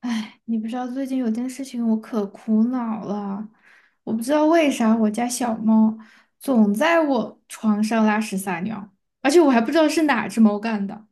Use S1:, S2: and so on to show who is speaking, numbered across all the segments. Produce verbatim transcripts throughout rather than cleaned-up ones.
S1: 哎，你不知道最近有件事情我可苦恼了，我不知道为啥我家小猫总在我床上拉屎撒尿，而且我还不知道是哪只猫干的。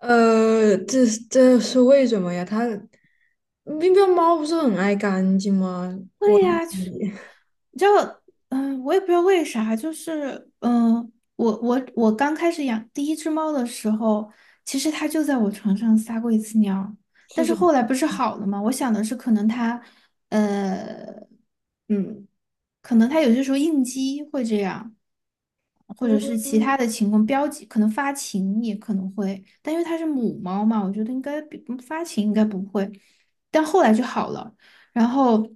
S2: 呃，这这是为什么呀？它喵喵猫不是很爱干净吗？我
S1: 对呀，就嗯、呃我也不知道为啥，就是嗯、呃我我我刚开始养第一只猫的时候，其实它就在我床上撒过一次尿，但
S2: 是
S1: 是
S2: 什么？
S1: 后来不是好了吗？我想的是可能它呃嗯，可能它有些时候应激会这样，或者是其
S2: 嗯，
S1: 他的情况，标记可能发情也可能会，但因为它是母猫嘛，我觉得应该比嗯发情应该不会，但后来就好了。然后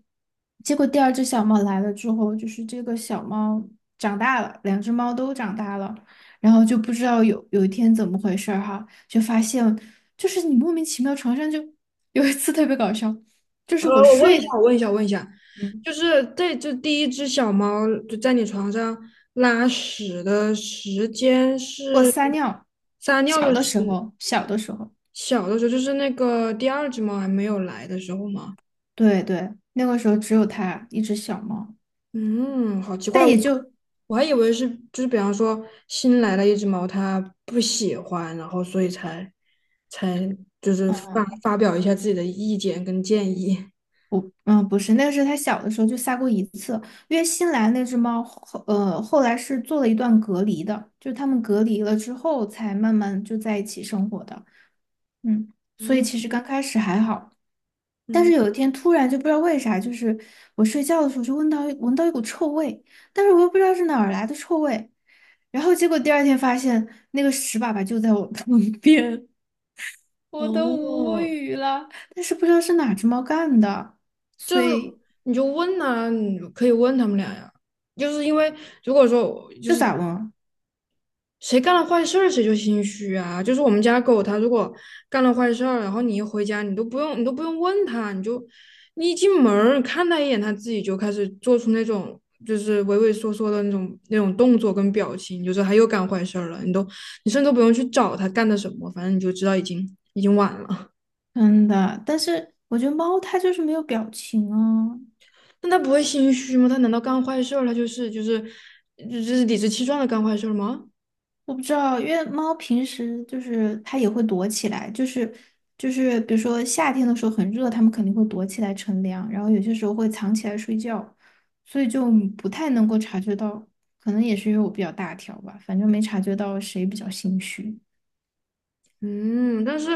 S1: 结果第二只小猫来了之后，就是这个小猫长大了，两只猫都长大了，然后就不知道有有一天怎么回事儿哈，就发现就是你莫名其妙床上就有一次特别搞笑，就
S2: 呃，
S1: 是我
S2: 我问一下，
S1: 睡，
S2: 我问一下，我问一下，
S1: 嗯，
S2: 就是这只第一只小猫就在你床上拉屎的时间
S1: 我
S2: 是
S1: 撒尿，
S2: 撒尿
S1: 小
S2: 的
S1: 的
S2: 时，
S1: 时候，小的时候，
S2: 小的时候，就是那个第二只猫还没有来的时候吗？
S1: 对对，那个时候只有它一只小猫，
S2: 嗯，好奇怪，
S1: 但
S2: 我
S1: 也就。
S2: 我还以为是就是比方说新来了一只猫，它不喜欢，然后所以才才就是发发表一下自己的意见跟建议。
S1: 不，嗯，不是，那个是它小的时候就撒过一次，因为新来那只猫后，呃，后来是做了一段隔离的，就是它们隔离了之后才慢慢就在一起生活的，嗯，所以
S2: 嗯
S1: 其实刚开始还好，但是
S2: 嗯，
S1: 有一天突然就不知道为啥，就是我睡觉的时候就闻到闻到一股臭味，但是我又不知道是哪儿来的臭味，然后结果第二天发现那个屎粑粑就在我 旁边，我都无
S2: 哦，
S1: 语了，但是不知道是哪只猫干的，所以
S2: 你就问呐、你可以问他们俩呀。就是因为如果说就
S1: 这
S2: 是
S1: 咋闻啊
S2: 谁干了坏事儿谁就心虚啊。就是我们家狗，它如果干了坏事儿，然后你一回家，你都不用你都不用问它，你就你一进门儿看它一眼，它自己就开始做出那种就是畏畏缩缩的那种那种动作跟表情，你就是它又干坏事儿了。你都你甚至都不用去找它干的什么，反正你就知道已经已经晚了。
S1: 真的，但是我觉得猫它就是没有表情啊。
S2: 那它不会心虚吗？它难道干坏事儿，它就是就是就是理直气壮的干坏事儿吗？
S1: 我不知道，因为猫平时就是它也会躲起来，就是就是比如说夏天的时候很热，它们肯定会躲起来乘凉，然后有些时候会藏起来睡觉，所以就嗯不太能够察觉到，可能也是因为我比较大条吧，反正没察觉到谁比较心虚。
S2: 嗯，但是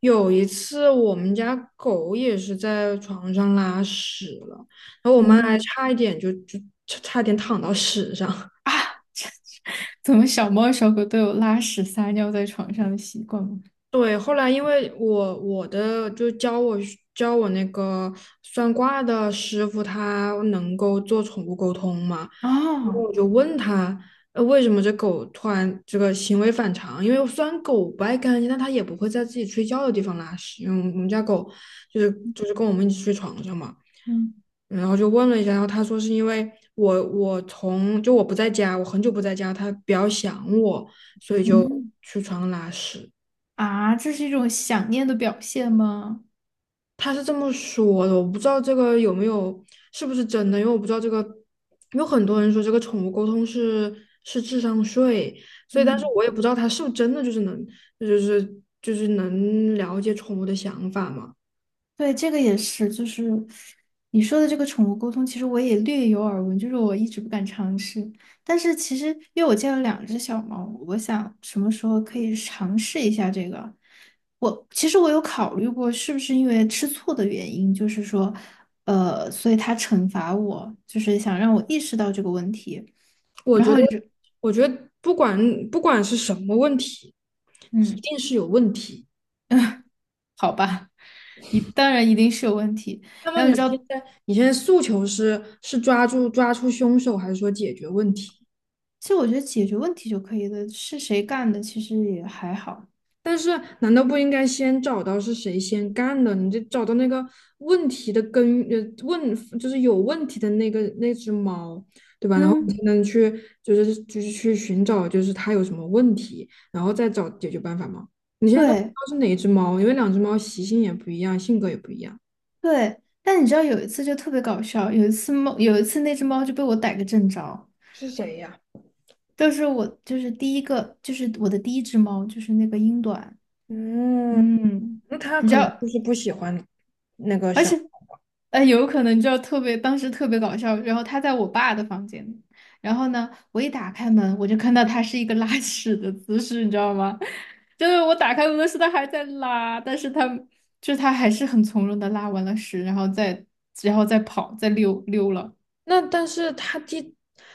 S2: 有一次我们家狗也是在床上拉屎了，然后我妈还
S1: 嗯，
S2: 差一点就就差差点躺到屎上。
S1: 啊，怎么小猫小狗都有拉屎撒尿在床上的习惯吗？
S2: 对，后来因为我我的就教我教我那个算卦的师傅，他能够做宠物沟通嘛，然后
S1: 哦，
S2: 我就问他，呃，为什么这狗突然这个行为反常？因为虽然狗不爱干净，但它也不会在自己睡觉的地方拉屎，因为我们我们家狗就是就是跟我们一起睡床上嘛。
S1: 嗯
S2: 然后就问了一下，然后他说是因为我我从就我不在家，我很久不在家，它比较想我，所以就
S1: 嗯。
S2: 去床上拉屎。
S1: 啊，这是一种想念的表现吗？
S2: 他是这么说的，我不知道这个有没有是不是真的，因为我不知道这个，有很多人说这个宠物沟通是是智商税，所以但是
S1: 嗯，
S2: 我也不知道他是不是真的就是能就是就是能了解宠物的想法嘛。
S1: 对，这个也是，就是你说的这个宠物沟通，其实我也略有耳闻，就是我一直不敢尝试。但是其实，因为我家有两只小猫，我想什么时候可以尝试一下这个。我其实我有考虑过，是不是因为吃醋的原因，就是说，呃，所以它惩罚我，就是想让我意识到这个问题。
S2: 我
S1: 然
S2: 觉
S1: 后
S2: 得，
S1: 你就。
S2: 我觉得不管不管是什么问题，一
S1: 嗯。
S2: 定是有问题。
S1: 好吧，一当然一定是有问题。
S2: 那么
S1: 然后
S2: 你
S1: 你知
S2: 现
S1: 道，
S2: 在你现在诉求是是抓住抓出凶手，还是说解决问题？
S1: 其实我觉得解决问题就可以了，是谁干的其实也还好。
S2: 但是难道不应该先找到是谁先干的？你就找到那个问题的根，呃，问就是有问题的那个那只猫，对吧？然后你
S1: 嗯，
S2: 才能去就是就是去寻找就是它有什么问题，然后再找解决办法吗？你现在都不知
S1: 对
S2: 道是哪一只猫，因为两只猫习性也不一样，性格也不一样。
S1: 对，但你知道有一次就特别搞笑，有一次猫，有一次那只猫就被我逮个正着，
S2: 是谁呀？
S1: 就是我就是第一个，就是我的第一只猫，就是那个英短，
S2: 嗯，
S1: 嗯，
S2: 那它
S1: 你知
S2: 可能
S1: 道，
S2: 就是不喜欢那个
S1: 而
S2: 小。
S1: 且呃，有可能就特别，当时特别搞笑。然后他在我爸的房间，然后呢，我一打开门，我就看到他是一个拉屎的姿势，你知道吗？就是我打开门的时候，他还在拉，但是他就是他还是很从容的拉完了屎，然后再然后再跑，再溜溜了。
S2: 那但是他第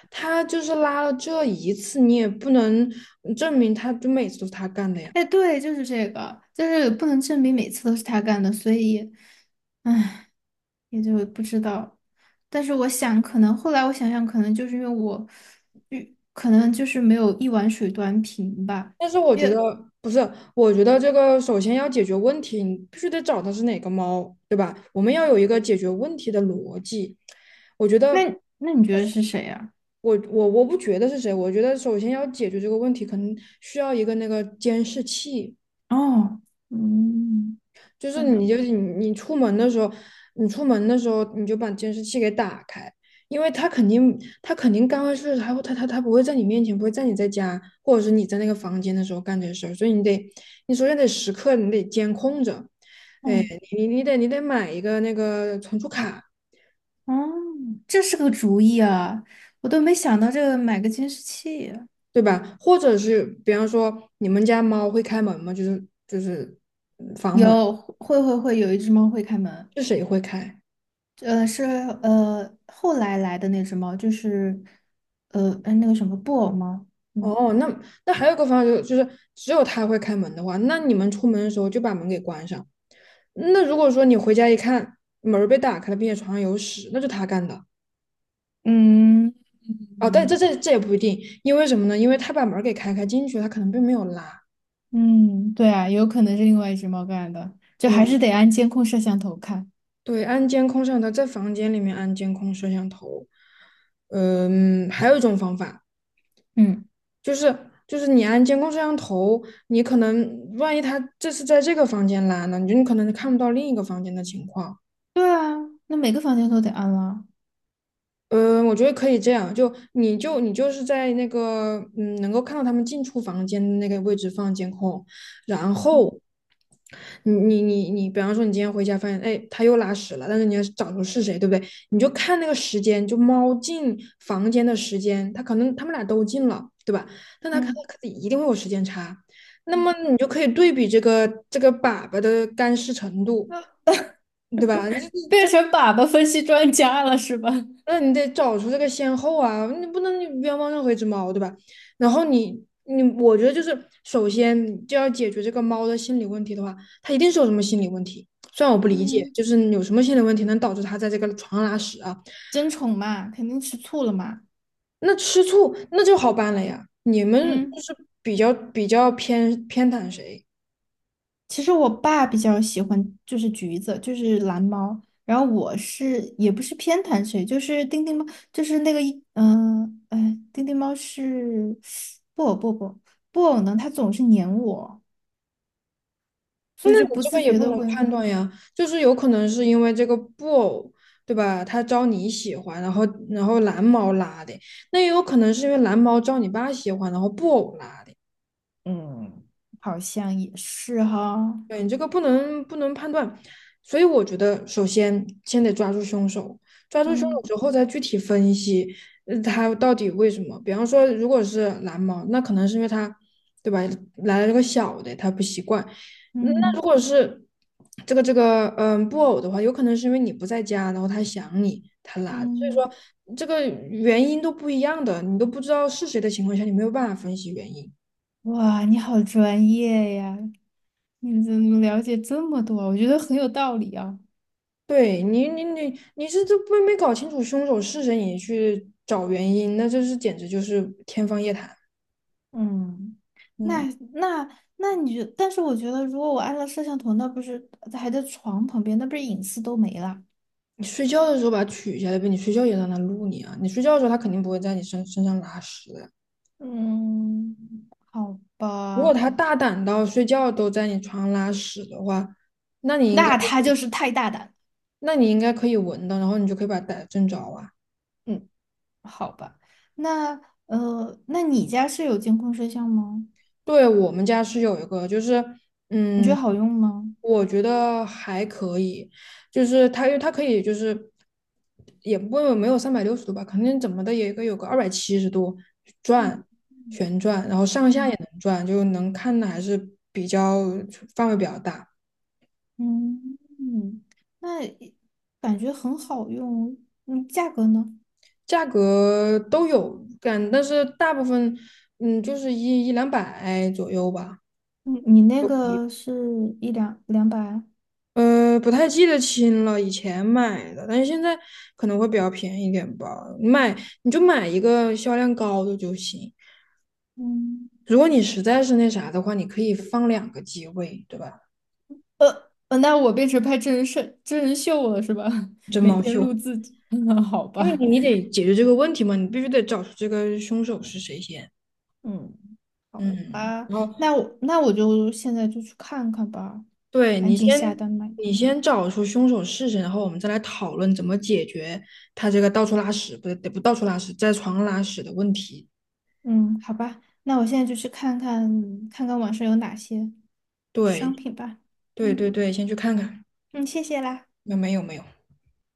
S2: 他就是拉了这一次，你也不能嗯证明他就每次都是他干的呀。
S1: 哎，对，就是这个，就是不能证明每次都是他干的，所以，唉，也就不知道。但是我想，可能后来我想想，可能就是因为我，嗯可能就是没有一碗水端平吧。
S2: 但是我
S1: 因
S2: 觉得
S1: 为
S2: 不是，我觉得这个首先要解决问题，你必须得找到是哪个猫，对吧？我们要有一个解决问题的逻辑。我觉
S1: 那
S2: 得
S1: 那你觉得是谁呀、
S2: 我我我不觉得是谁，我觉得首先要解决这个问题，可能需要一个那个监视器。
S1: 哦，嗯，
S2: 就是你就
S1: 嗯，
S2: 你你出门的时候，你出门的时候你就把监视器给打开，因为他肯定他肯定干坏事，他会他他他不会在你面前，不会在你在家或者是你在那个房间的时候干这些事儿，所以你得你首先得时刻你得监控着，
S1: 哦，
S2: 哎，你你得你得买一个那个存储卡，
S1: 哦，这是个主意啊！我都没想到这个买个监视器啊。
S2: 对吧？或者是比方说你们家猫会开门吗？就是就是嗯房门，
S1: 有，会会会，有一只猫会开门。
S2: 是谁会开？
S1: 呃，是呃后来来的那只猫，就是呃哎那个什么布偶猫。嗯
S2: 哦，那那还有一个方法就是，就是只有他会开门的话，那你们出门的时候就把门给关上。那如果说你回家一看门儿被打开了，并且床上有屎，那就他干的。
S1: 嗯
S2: 哦，但这
S1: 嗯
S2: 这这也不一定，因为什么呢？因为他把门儿给开开进去，他可能并没有拉。
S1: 嗯，对啊，有可能是另外一只猫干的，就还
S2: 对
S1: 是得安监控摄像头看。
S2: 对，安监控摄像头在房间里面安监控摄像头。嗯，还有一种方法
S1: 嗯，
S2: 就是就是你安监控摄像头，你可能万一他这是在这个房间拉呢，你就你可能看不到另一个房间的情况。
S1: 对啊，那每个房间都得安了。
S2: 嗯，我觉得可以这样，就你就你就是在那个嗯，能够看到他们进出房间的那个位置放监控，然后你你你你，比方说你今天回家发现，哎，他又拉屎了，但是你要是找出是谁，对不对？你就看那个时间，就猫进房间的时间，他可能他们俩都进了，对吧？但他可
S1: 嗯，
S2: 能一定会有时间差，那
S1: 嗯
S2: 么你就可以对比这个这个粑粑的干湿程度，
S1: 那
S2: 对吧？
S1: 变成粑粑分析专家了是吧？
S2: 那你得找出这个先后啊，你不能冤枉任何一只猫，对吧？然后你你，我觉得就是首先就要解决这个猫的心理问题的话，它一定是有什么心理问题。虽然我不理解，
S1: 嗯
S2: 就是有什么心理问题能导致它在这个床上拉屎啊？
S1: 争宠嘛，肯定吃醋了嘛。
S2: 那吃醋那就好办了呀。你们就
S1: 嗯。
S2: 是比较比较偏偏袒谁？
S1: 其实我爸比较喜欢就是橘子，就是蓝猫，然后我是也不是偏袒谁，就是丁丁猫，就是那个一嗯哎，丁丁猫是布偶布偶布偶布偶呢，它总是粘我，
S2: 那
S1: 所以就
S2: 你
S1: 不
S2: 这
S1: 自
S2: 个也
S1: 觉
S2: 不
S1: 的
S2: 能
S1: 会
S2: 判断呀，就是有可能是因为这个布偶，对吧？他招你喜欢，然后然后蓝猫拉的，那也有可能是因为蓝猫招你爸喜欢，然后布偶拉的。
S1: 嗯，好像也是哈，
S2: 对，你这个不能不能判断，所以我觉得首先先得抓住凶手，抓住凶手
S1: 嗯
S2: 之后再具体分析，呃他到底为什么？比方说，如果是蓝猫，那可能是因为他，对吧？来了个小的，他不习惯。嗯那如
S1: 嗯
S2: 果是这个这个嗯布偶的话，有可能是因为你不在家，然后他想你，他来，所
S1: 嗯，
S2: 以这个原因都不一样的，你都不知道是谁的情况下，你没有办法分析原因。
S1: 哇，你好专业呀，你怎么了解这么多啊，我觉得很有道理啊。
S2: 对你，你你你是这不没搞清楚凶手是谁，你去找原因，那这是简直就是天方夜谭。
S1: 嗯，那
S2: 嗯，
S1: 那那你觉，但是我觉得，如果我安了摄像头，那不是还在床旁边，那不是隐私都没了？
S2: 你睡觉的时候把它取下来呗，你睡觉也让它录你啊，你睡觉的时候它肯定不会在你身身上拉屎的。
S1: 嗯，好
S2: 如果
S1: 吧，
S2: 它大胆到睡觉都在你床上拉屎的话，那你应该
S1: 那
S2: 就
S1: 他
S2: 是
S1: 就是太大胆了
S2: 那你应该可以闻到，然后你就可以把它逮正着啊。
S1: 嗯，好吧，那呃，那你家是有监控摄像吗？
S2: 对，我们家是有一个，就是
S1: 你觉得
S2: 嗯，
S1: 好用吗？
S2: 我觉得还可以，就是它，因为它可以就是也不没有三百六十度吧，肯定怎么的也个有个二百七十度转
S1: 嗯
S2: 旋转，然后上下也
S1: 嗯
S2: 能转，就能看的还是比较范围比较大，
S1: 嗯嗯，那感觉很好用。嗯，价格呢？
S2: 价格都有干，但是大部分嗯就是一一两百左右吧。
S1: 你你那个是一两两百？
S2: 呃，不太记得清了，以前买的，但是现在可能会比较便宜一点吧。买你就买一个销量高的就行。
S1: 嗯。
S2: 如果你实在是那啥的话，你可以放两个机位，对吧？
S1: 呃呃那我变成拍真人秀真人秀了是吧？
S2: 真
S1: 每
S2: 毛
S1: 天录
S2: 秀，
S1: 自己。好
S2: 因为
S1: 吧，
S2: 你你得解决这个问题嘛，你必须得找出这个凶手是谁先。
S1: 嗯，好
S2: 嗯，
S1: 吧，
S2: 然后
S1: 那我那我就现在就去看看吧，
S2: 对
S1: 赶
S2: 你
S1: 紧下
S2: 先
S1: 单买一
S2: 你
S1: 个。
S2: 先找出凶手是谁，然后我们再来讨论怎么解决他这个到处拉屎，不对，不到处拉屎，在床上拉屎的问题。
S1: 嗯，好吧，那我现在就去看看看看网上有哪些商
S2: 对
S1: 品吧。
S2: 对对
S1: 嗯
S2: 对，先去看看。
S1: 嗯，谢谢啦。
S2: 没有没有没有，